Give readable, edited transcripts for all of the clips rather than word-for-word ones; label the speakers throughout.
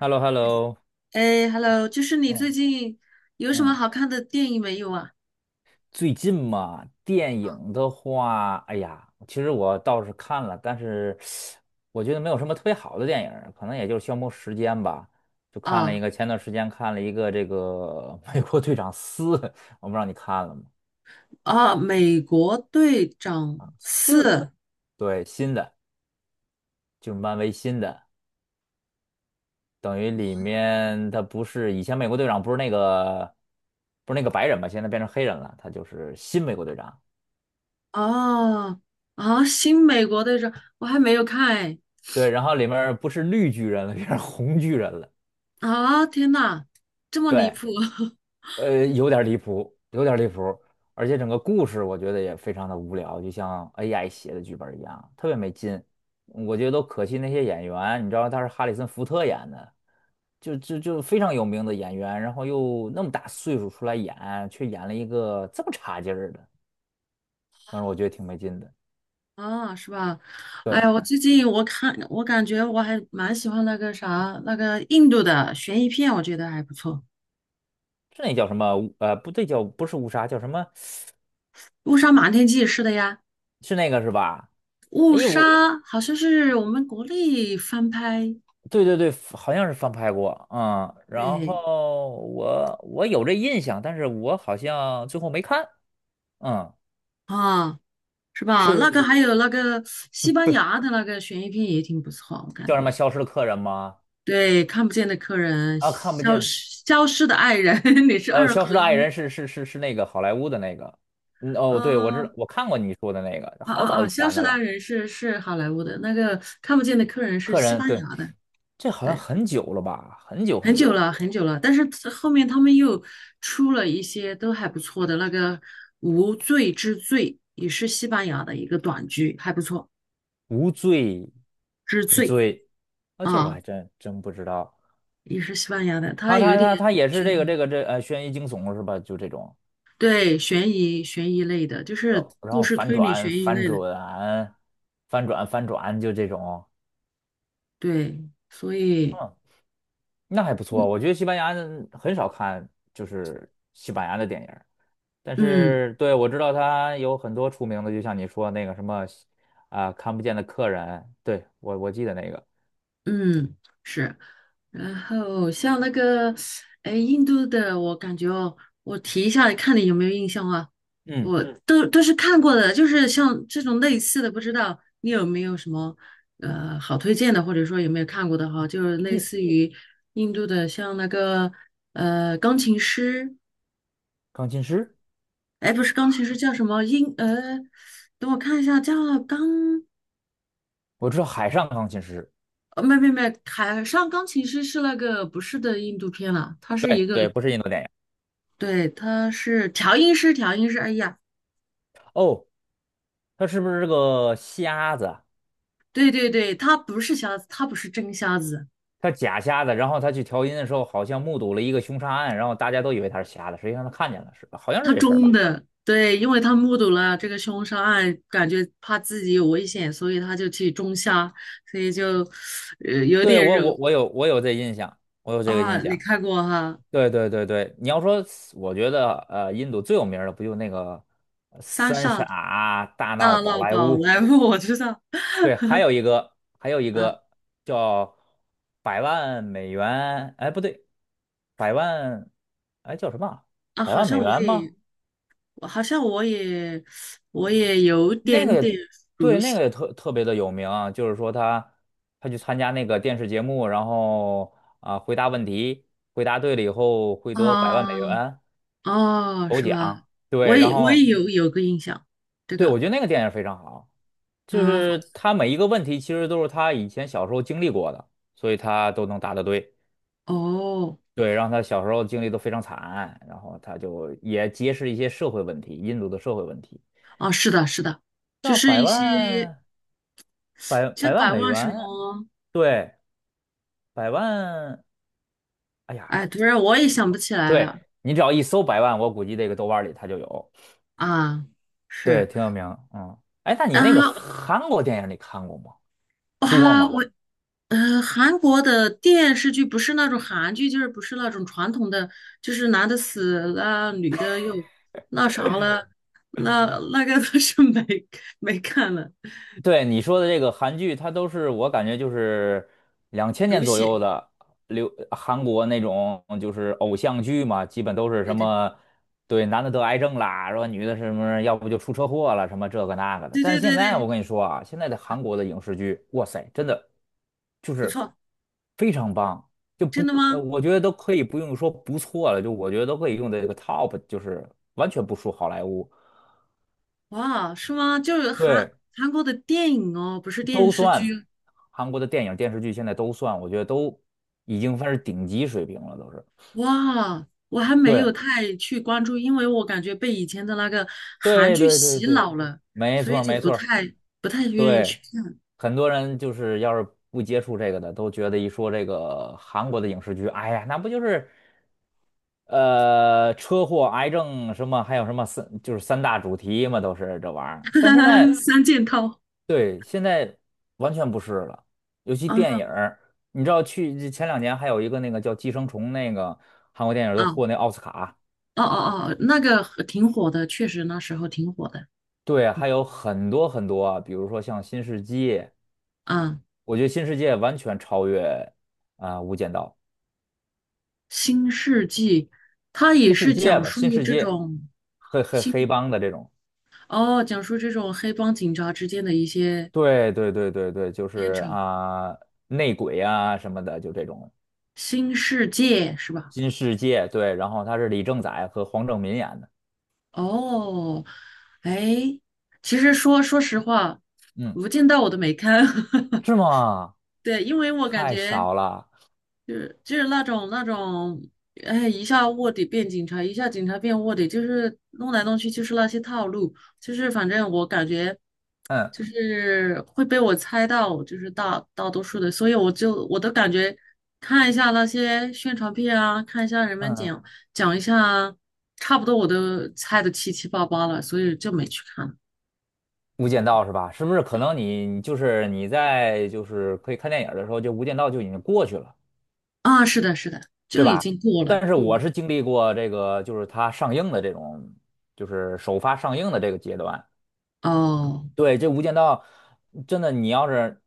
Speaker 1: h e l l o h e l l o
Speaker 2: 哎，Hello，就是你
Speaker 1: 嗯
Speaker 2: 最近有什么
Speaker 1: 嗯，
Speaker 2: 好看的电影没有啊？
Speaker 1: 最近嘛，电影的话，哎呀，其实我倒是看了，但是我觉得没有什么特别好的电影儿可能也就是消磨时间吧。就看了一
Speaker 2: 啊
Speaker 1: 个，前段时间看了一个这个《美国队长四》，我不知道你看了吗？
Speaker 2: 啊，《美国队长四》
Speaker 1: 四，对，新的，就是漫威新的，等于里面他不是以前美国队长不是那个白人嘛，现在变成黑人了，他就是新美国队长。
Speaker 2: 哦啊，《新美国队长》我还没有看哎
Speaker 1: 对，然后里面不是绿巨人了，变成红巨人了。
Speaker 2: 啊！天呐，这么离
Speaker 1: 对，
Speaker 2: 谱
Speaker 1: 有点离谱，有点离谱，而且整个故事我觉得也非常的无聊，就像 AI 写的剧本一样，特别没劲。我觉得都可惜那些演员，你知道他是哈里森福特演的，就非常有名的演员，然后又那么大岁数出来演，却演了一个这么差劲儿的，反正我觉得挺没劲的。
Speaker 2: 啊，是吧？哎
Speaker 1: 对，
Speaker 2: 呀，我最近我感觉我还蛮喜欢那个啥那个印度的悬疑片，我觉得还不错，
Speaker 1: 是那叫什么？不对，叫不是乌纱，叫什么？
Speaker 2: 《误杀瞒天记》是的呀，
Speaker 1: 是那个是吧？
Speaker 2: 《误
Speaker 1: 哎，
Speaker 2: 杀》好像是我们国内翻拍，
Speaker 1: 对对对，好像是翻拍过啊，嗯，然
Speaker 2: 对
Speaker 1: 后我有这印象，但是我好像最后没看，嗯，
Speaker 2: 啊。是吧？那个
Speaker 1: 是
Speaker 2: 还有那个西班牙的那个悬疑片也挺不错，我感
Speaker 1: 叫什么
Speaker 2: 觉。
Speaker 1: 《消失的客人》吗？
Speaker 2: 对，看不见的客人，
Speaker 1: 啊，看不
Speaker 2: 消
Speaker 1: 见，
Speaker 2: 失消失的爱人，你是二
Speaker 1: 《消失
Speaker 2: 合
Speaker 1: 的爱
Speaker 2: 一。
Speaker 1: 人》是那个好莱坞的那个，嗯，哦，对，我知
Speaker 2: 呃，
Speaker 1: 道，我看过你说的那个，
Speaker 2: 啊
Speaker 1: 好
Speaker 2: 啊
Speaker 1: 早
Speaker 2: 啊，
Speaker 1: 以
Speaker 2: 消
Speaker 1: 前
Speaker 2: 失
Speaker 1: 的
Speaker 2: 的爱
Speaker 1: 了，
Speaker 2: 人是是好莱坞的，那个看不见的客人是
Speaker 1: 《客
Speaker 2: 西
Speaker 1: 人》，
Speaker 2: 班
Speaker 1: 对，
Speaker 2: 牙的。
Speaker 1: 这好像
Speaker 2: 对，
Speaker 1: 很久了吧，很久
Speaker 2: 很
Speaker 1: 很久
Speaker 2: 久
Speaker 1: 了，
Speaker 2: 了很久了，但是后面他们又出了一些都还不错的，那个无罪之罪也是西班牙的一个短剧，还不错。
Speaker 1: 《无罪
Speaker 2: 之
Speaker 1: 之
Speaker 2: 罪
Speaker 1: 罪》啊，这我
Speaker 2: 啊，
Speaker 1: 还真不知道，
Speaker 2: 也是西班牙的，它
Speaker 1: 他
Speaker 2: 有
Speaker 1: 他
Speaker 2: 一点
Speaker 1: 他他也是
Speaker 2: 悬
Speaker 1: 这个
Speaker 2: 疑。
Speaker 1: 这个这悬疑惊悚是吧？就这种。
Speaker 2: 对，悬疑类的，就
Speaker 1: 然
Speaker 2: 是
Speaker 1: 后然
Speaker 2: 故
Speaker 1: 后
Speaker 2: 事
Speaker 1: 反
Speaker 2: 推理
Speaker 1: 转
Speaker 2: 悬疑
Speaker 1: 反
Speaker 2: 类的，
Speaker 1: 转反转反转就这种，
Speaker 2: 对，所以，
Speaker 1: 嗯，那还不错。
Speaker 2: 嗯
Speaker 1: 我觉得西班牙人很少看就是西班牙的电影儿，但
Speaker 2: 嗯
Speaker 1: 是对，我知道他有很多出名的，就像你说那个什么看不见的客人，对，我记得那个，
Speaker 2: 嗯，是，然后像那个，哎，印度的，我感觉哦，我提一下，看你有没有印象啊？
Speaker 1: 嗯，
Speaker 2: 我都是看过的，就是像这种类似的，不知道你有没有什么好推荐的，或者说有没有看过的哈，就是类
Speaker 1: 印
Speaker 2: 似于印度的，像那个钢琴师。
Speaker 1: 钢琴师，
Speaker 2: 哎，不是钢琴师叫什么音？等我看一下，叫钢，
Speaker 1: 我知道海上钢琴师，
Speaker 2: 没没没，海上钢琴师是那个不是的印度片了，他是一
Speaker 1: 对
Speaker 2: 个，
Speaker 1: 对，不是印度电影
Speaker 2: 对，他是调音师，调音师。哎呀，
Speaker 1: 哦，他是不是这个瞎子啊？
Speaker 2: 对对对，他不是瞎子，他不是真瞎子，
Speaker 1: 他假瞎的，然后他去调音的时候，好像目睹了一个凶杀案，然后大家都以为他是瞎的，实际上他看见了，是吧？好像
Speaker 2: 他
Speaker 1: 是这事儿
Speaker 2: 装
Speaker 1: 吧？
Speaker 2: 的。对，因为他目睹了这个凶杀案，感觉怕自己有危险，所以他就去装瞎，所以就，有
Speaker 1: 对，
Speaker 2: 点惹
Speaker 1: 我有这印象，我有这个
Speaker 2: 啊。
Speaker 1: 印
Speaker 2: 你
Speaker 1: 象。
Speaker 2: 看过哈，
Speaker 1: 对对对对，你要说，我觉得印度最有名儿的不就那个
Speaker 2: 《三
Speaker 1: 三
Speaker 2: 傻
Speaker 1: 傻大闹
Speaker 2: 大
Speaker 1: 宝
Speaker 2: 闹
Speaker 1: 莱
Speaker 2: 宝
Speaker 1: 坞？
Speaker 2: 莱坞》，我知道。
Speaker 1: 对，还有一个还有一
Speaker 2: 啊。
Speaker 1: 个叫百万美元，哎不对，百万哎叫什么啊
Speaker 2: 啊，
Speaker 1: 百
Speaker 2: 好
Speaker 1: 万
Speaker 2: 像
Speaker 1: 美
Speaker 2: 我
Speaker 1: 元吗？
Speaker 2: 也，我好像我也，我也有
Speaker 1: 那
Speaker 2: 点
Speaker 1: 个
Speaker 2: 点
Speaker 1: 也对，那个也特别的有名啊，就是说他去参加那个电视节目，然后回答问题，回答对了以后会得百万美
Speaker 2: 啊，
Speaker 1: 元
Speaker 2: 哦，
Speaker 1: 头
Speaker 2: 是吧？
Speaker 1: 奖。
Speaker 2: 我
Speaker 1: 对，然
Speaker 2: 也我也
Speaker 1: 后
Speaker 2: 有有个印象，这
Speaker 1: 对，我
Speaker 2: 个，
Speaker 1: 觉得那个电影非常好，就
Speaker 2: 啊
Speaker 1: 是他每一个问题其实都是他以前小时候经历过的，所以他都能答得对。
Speaker 2: 哦，
Speaker 1: 对，让他小时候经历都非常惨，然后他就也揭示一些社会问题，印度的社会问题。
Speaker 2: 哦，是的，是的，就
Speaker 1: 要
Speaker 2: 是
Speaker 1: 百
Speaker 2: 一些
Speaker 1: 万百百
Speaker 2: 像
Speaker 1: 万
Speaker 2: 百
Speaker 1: 美
Speaker 2: 万什
Speaker 1: 元，
Speaker 2: 么，
Speaker 1: 对。百万，哎呀，
Speaker 2: 哎，突然我也想不起来
Speaker 1: 对，
Speaker 2: 了
Speaker 1: 你只要一搜百万，我估计这个豆瓣里它就有，
Speaker 2: 啊，
Speaker 1: 对，
Speaker 2: 是
Speaker 1: 挺有名，嗯，哎，那你那个
Speaker 2: 啊，
Speaker 1: 韩国电影你看过吗？多
Speaker 2: 哇，
Speaker 1: 吗？
Speaker 2: 我韩国的电视剧不是那种韩剧，就是不是那种传统的，就是男的死了，女的又那啥了，那那个倒是 没没看了。
Speaker 1: 对，你说的这个韩剧，它都是我感觉就是两千年
Speaker 2: 狗
Speaker 1: 左右
Speaker 2: 血，
Speaker 1: 的流韩国那种就是偶像剧嘛，基本都是
Speaker 2: 对
Speaker 1: 什
Speaker 2: 对
Speaker 1: 么对男的得癌症啦，然后女的什么要不就出车祸了，什么这个那个的。
Speaker 2: 对
Speaker 1: 但是
Speaker 2: 对
Speaker 1: 现
Speaker 2: 对
Speaker 1: 在
Speaker 2: 对，
Speaker 1: 我跟你说啊，现在的韩国的影视剧，哇塞，真的就
Speaker 2: 不
Speaker 1: 是
Speaker 2: 错，
Speaker 1: 非常棒，就不
Speaker 2: 真的
Speaker 1: 呃，
Speaker 2: 吗？
Speaker 1: 我觉得都可以不用说不错了，就我觉得都可以用在这个 top，就是完全不输好莱坞。
Speaker 2: 哇，是吗？就是韩
Speaker 1: 对，
Speaker 2: 韩国的电影哦，不是电
Speaker 1: 都
Speaker 2: 视
Speaker 1: 算，
Speaker 2: 剧。
Speaker 1: 韩国的电影、电视剧，现在都算，我觉得都已经算是顶级水平了，都是。
Speaker 2: 哇，我还没
Speaker 1: 对，
Speaker 2: 有太去关注，因为我感觉被以前的那个韩
Speaker 1: 对，
Speaker 2: 剧
Speaker 1: 对，对，
Speaker 2: 洗
Speaker 1: 对，
Speaker 2: 脑了，
Speaker 1: 没
Speaker 2: 所
Speaker 1: 错
Speaker 2: 以
Speaker 1: 儿
Speaker 2: 就
Speaker 1: 没
Speaker 2: 不
Speaker 1: 错儿，
Speaker 2: 太不太愿意
Speaker 1: 对。
Speaker 2: 去看。
Speaker 1: 很多人就是要是不接触这个的，都觉得一说这个韩国的影视剧，哎呀，那不就是车祸、癌症什么，还有什么就是三大主题嘛，都是这玩意儿。但现 在
Speaker 2: 三件套
Speaker 1: 对，现在完全不是了，尤其
Speaker 2: 啊，
Speaker 1: 电影儿，你知道去前两年还有一个那个叫《寄生虫》，那个韩国电影儿都
Speaker 2: 啊，
Speaker 1: 获那奥斯卡，
Speaker 2: 哦哦哦，那个很挺火的，确实那时候挺火的。
Speaker 1: 对，还有很多很多啊比如说像《新世界》，
Speaker 2: 嗯，
Speaker 1: 我觉得《新世界》完全超越无间道》，
Speaker 2: 新世纪，它也
Speaker 1: 《新世
Speaker 2: 是
Speaker 1: 界》
Speaker 2: 讲
Speaker 1: 吧，
Speaker 2: 述
Speaker 1: 《新世
Speaker 2: 这
Speaker 1: 界》
Speaker 2: 种
Speaker 1: 黑黑黑
Speaker 2: 新，
Speaker 1: 帮的这种，
Speaker 2: 哦，讲述这种黑帮警察之间的一些
Speaker 1: 对对对对对，就
Speaker 2: 片
Speaker 1: 是
Speaker 2: 酬，
Speaker 1: 内鬼啊什么的，就这种
Speaker 2: 《新世界是吧？
Speaker 1: 《新世界》，对，然后他是李正宰和黄正民演的，
Speaker 2: 哦，哎，其实说说实话，
Speaker 1: 嗯，
Speaker 2: 《无间道》我都没看，
Speaker 1: 是吗？
Speaker 2: 对，因为我感
Speaker 1: 太
Speaker 2: 觉
Speaker 1: 少了，
Speaker 2: 就是那种那种，哎，一下卧底变警察，一下警察变卧底，就是弄来弄去就是那些套路，就是反正我感觉
Speaker 1: 嗯
Speaker 2: 就是会被我猜到，就是大多数的，所以我都感觉看一下那些宣传片啊，看一下人们
Speaker 1: 嗯，
Speaker 2: 讲讲一下啊差不多我都猜的七七八八了，所以就没去看了
Speaker 1: 《无间道》是吧？是不是可能你你就是你在就是可以看电影儿的时候，就《无间道》就已经过去了，
Speaker 2: 啊。是的，是的，
Speaker 1: 对
Speaker 2: 就已
Speaker 1: 吧？
Speaker 2: 经过了，
Speaker 1: 但是
Speaker 2: 过
Speaker 1: 我
Speaker 2: 了。
Speaker 1: 是经历过这个，就是它上映的这种，就是首发上映的这个阶段。
Speaker 2: 哦，
Speaker 1: 对，这《无间道》真的，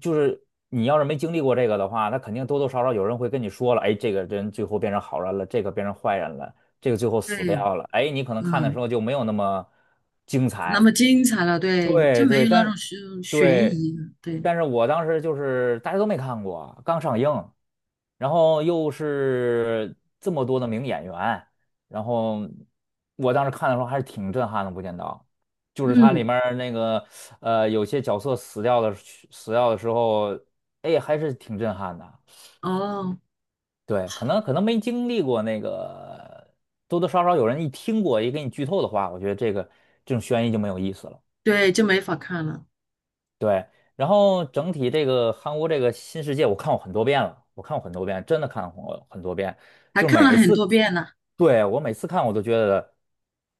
Speaker 1: 就是你要是没经历过这个的话，那肯定多多少少有人会跟你说了，哎，这个人最后变成好人了，这个变成坏人了，这个最后死
Speaker 2: 对，
Speaker 1: 掉了，哎，你可能看的时
Speaker 2: 嗯。
Speaker 1: 候就没有那么精
Speaker 2: 那
Speaker 1: 彩。
Speaker 2: 么精彩了，对，就
Speaker 1: 对
Speaker 2: 没
Speaker 1: 对，
Speaker 2: 有那种悬悬
Speaker 1: 对，
Speaker 2: 疑了，对，
Speaker 1: 但是我当时就是大家都没看过，刚上映，然后又是这么多的名演员，然后我当时看的时候还是挺震撼的，《无间道》就是它里
Speaker 2: 嗯，
Speaker 1: 面儿那个有些角色死掉的时候，哎，还是挺震撼的。
Speaker 2: 哦，
Speaker 1: 对，可能没经历过那个，多多少少有人一听过，也给你剧透的话，我觉得这种悬疑就没有意思了。
Speaker 2: 对，就没法看了，
Speaker 1: 对，然后整体这个韩国这个新世界，我看过很多遍了，我看过很多遍，真的看过很多遍，
Speaker 2: 还
Speaker 1: 就是
Speaker 2: 看了
Speaker 1: 每一
Speaker 2: 很多
Speaker 1: 次，
Speaker 2: 遍呢。
Speaker 1: 对，我每次看我都觉得，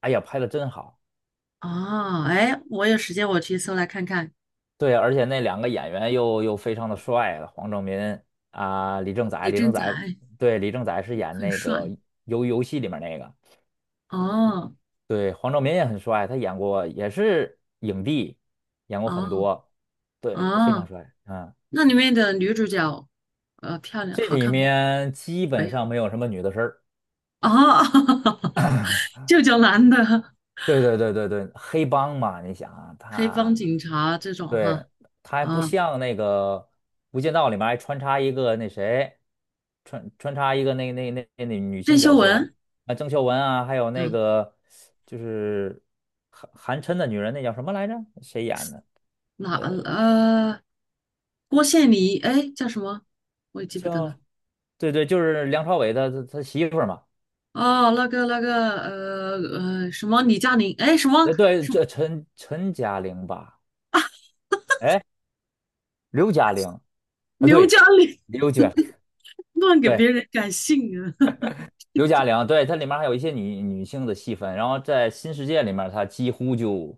Speaker 1: 哎呀，拍的真好，
Speaker 2: 哦，哎，我有时间我去搜来看看。
Speaker 1: 对，而且那两个演员又非常的帅了，黄正民李正宰，
Speaker 2: 李
Speaker 1: 李正
Speaker 2: 正
Speaker 1: 宰，
Speaker 2: 宰
Speaker 1: 对，李正宰是演
Speaker 2: 很
Speaker 1: 那
Speaker 2: 帅。
Speaker 1: 个游戏里面那个，
Speaker 2: 哦
Speaker 1: 对，黄正民也很帅，他演过也是影帝，演过很
Speaker 2: 哦
Speaker 1: 多，对，非常
Speaker 2: 哦，
Speaker 1: 帅，嗯，
Speaker 2: 那里面的女主角，漂亮，
Speaker 1: 这
Speaker 2: 好
Speaker 1: 里
Speaker 2: 看不？
Speaker 1: 面基
Speaker 2: 没
Speaker 1: 本
Speaker 2: 有。
Speaker 1: 上没有什么女的事儿。
Speaker 2: 哦，就叫男的
Speaker 1: 对对对对对，黑帮嘛，你想啊，
Speaker 2: 黑帮
Speaker 1: 他，
Speaker 2: 警察这种
Speaker 1: 对，
Speaker 2: 哈。
Speaker 1: 他还不
Speaker 2: 啊，
Speaker 1: 像那个《无间道》里面还穿插一个那谁，穿插一个那女
Speaker 2: 郑
Speaker 1: 性
Speaker 2: 秀
Speaker 1: 角色
Speaker 2: 文。
Speaker 1: 啊，郑秀文啊，还有那
Speaker 2: 嗯。
Speaker 1: 个就是韩琛的女人，那叫什么来着？谁演的？
Speaker 2: 哪呃，郭羡妮哎，叫什么？我也记不得了。
Speaker 1: 叫对对，就是梁朝伟他媳妇儿嘛，
Speaker 2: 哦，那个那个什么李嘉玲，哎，什么
Speaker 1: 对，这陈嘉玲吧，哎，刘嘉玲啊，
Speaker 2: 刘嘉
Speaker 1: 对，
Speaker 2: 玲，
Speaker 1: 刘嘉玲，
Speaker 2: 乱给
Speaker 1: 对。
Speaker 2: 别人改姓啊。
Speaker 1: 刘嘉玲，对，它里面还有一些女性的戏份，然后在新世界里面，它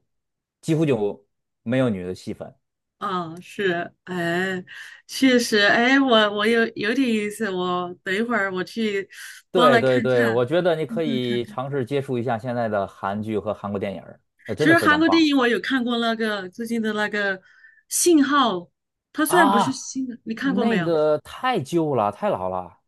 Speaker 1: 几乎就没有女的戏份。
Speaker 2: 啊，是，哎，确实，哎，我我有有点意思，我等一会儿我去包
Speaker 1: 对
Speaker 2: 来
Speaker 1: 对
Speaker 2: 看
Speaker 1: 对，
Speaker 2: 看，
Speaker 1: 我觉得你可
Speaker 2: 看看
Speaker 1: 以
Speaker 2: 看。
Speaker 1: 尝试接触一下现在的韩剧和韩国电影儿，那
Speaker 2: 其
Speaker 1: 真的
Speaker 2: 实
Speaker 1: 非
Speaker 2: 韩
Speaker 1: 常
Speaker 2: 国电
Speaker 1: 棒
Speaker 2: 影我有看过那个最近的那个《信号》，它虽然不是
Speaker 1: 啊！
Speaker 2: 新的，你看过没
Speaker 1: 那
Speaker 2: 有？
Speaker 1: 个太旧了，太老了。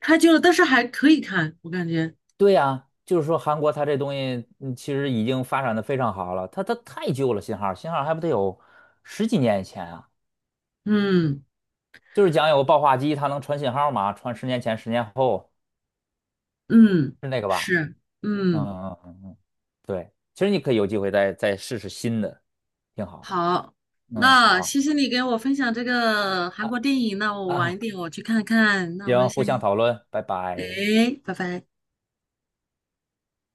Speaker 2: 太旧了，但是还可以看，我感觉。
Speaker 1: 对呀，就是说韩国它这东西其实已经发展的非常好了，它太旧了，信号还不得有十几年以前啊，
Speaker 2: 嗯
Speaker 1: 就是讲有个报话机，它能传信号吗？传十年前、十年后
Speaker 2: 嗯，
Speaker 1: 是那个吧？
Speaker 2: 是，
Speaker 1: 嗯
Speaker 2: 嗯，
Speaker 1: 嗯嗯嗯，对，其实你可以有机会再试试新的，挺好。
Speaker 2: 好，
Speaker 1: 嗯，
Speaker 2: 那
Speaker 1: 好
Speaker 2: 谢谢你给我分享这个韩
Speaker 1: 啊
Speaker 2: 国电影，那我晚
Speaker 1: 啊，
Speaker 2: 一点我去看看，那我们
Speaker 1: 行，互相
Speaker 2: 先，
Speaker 1: 讨论，拜拜。
Speaker 2: 哎，拜拜。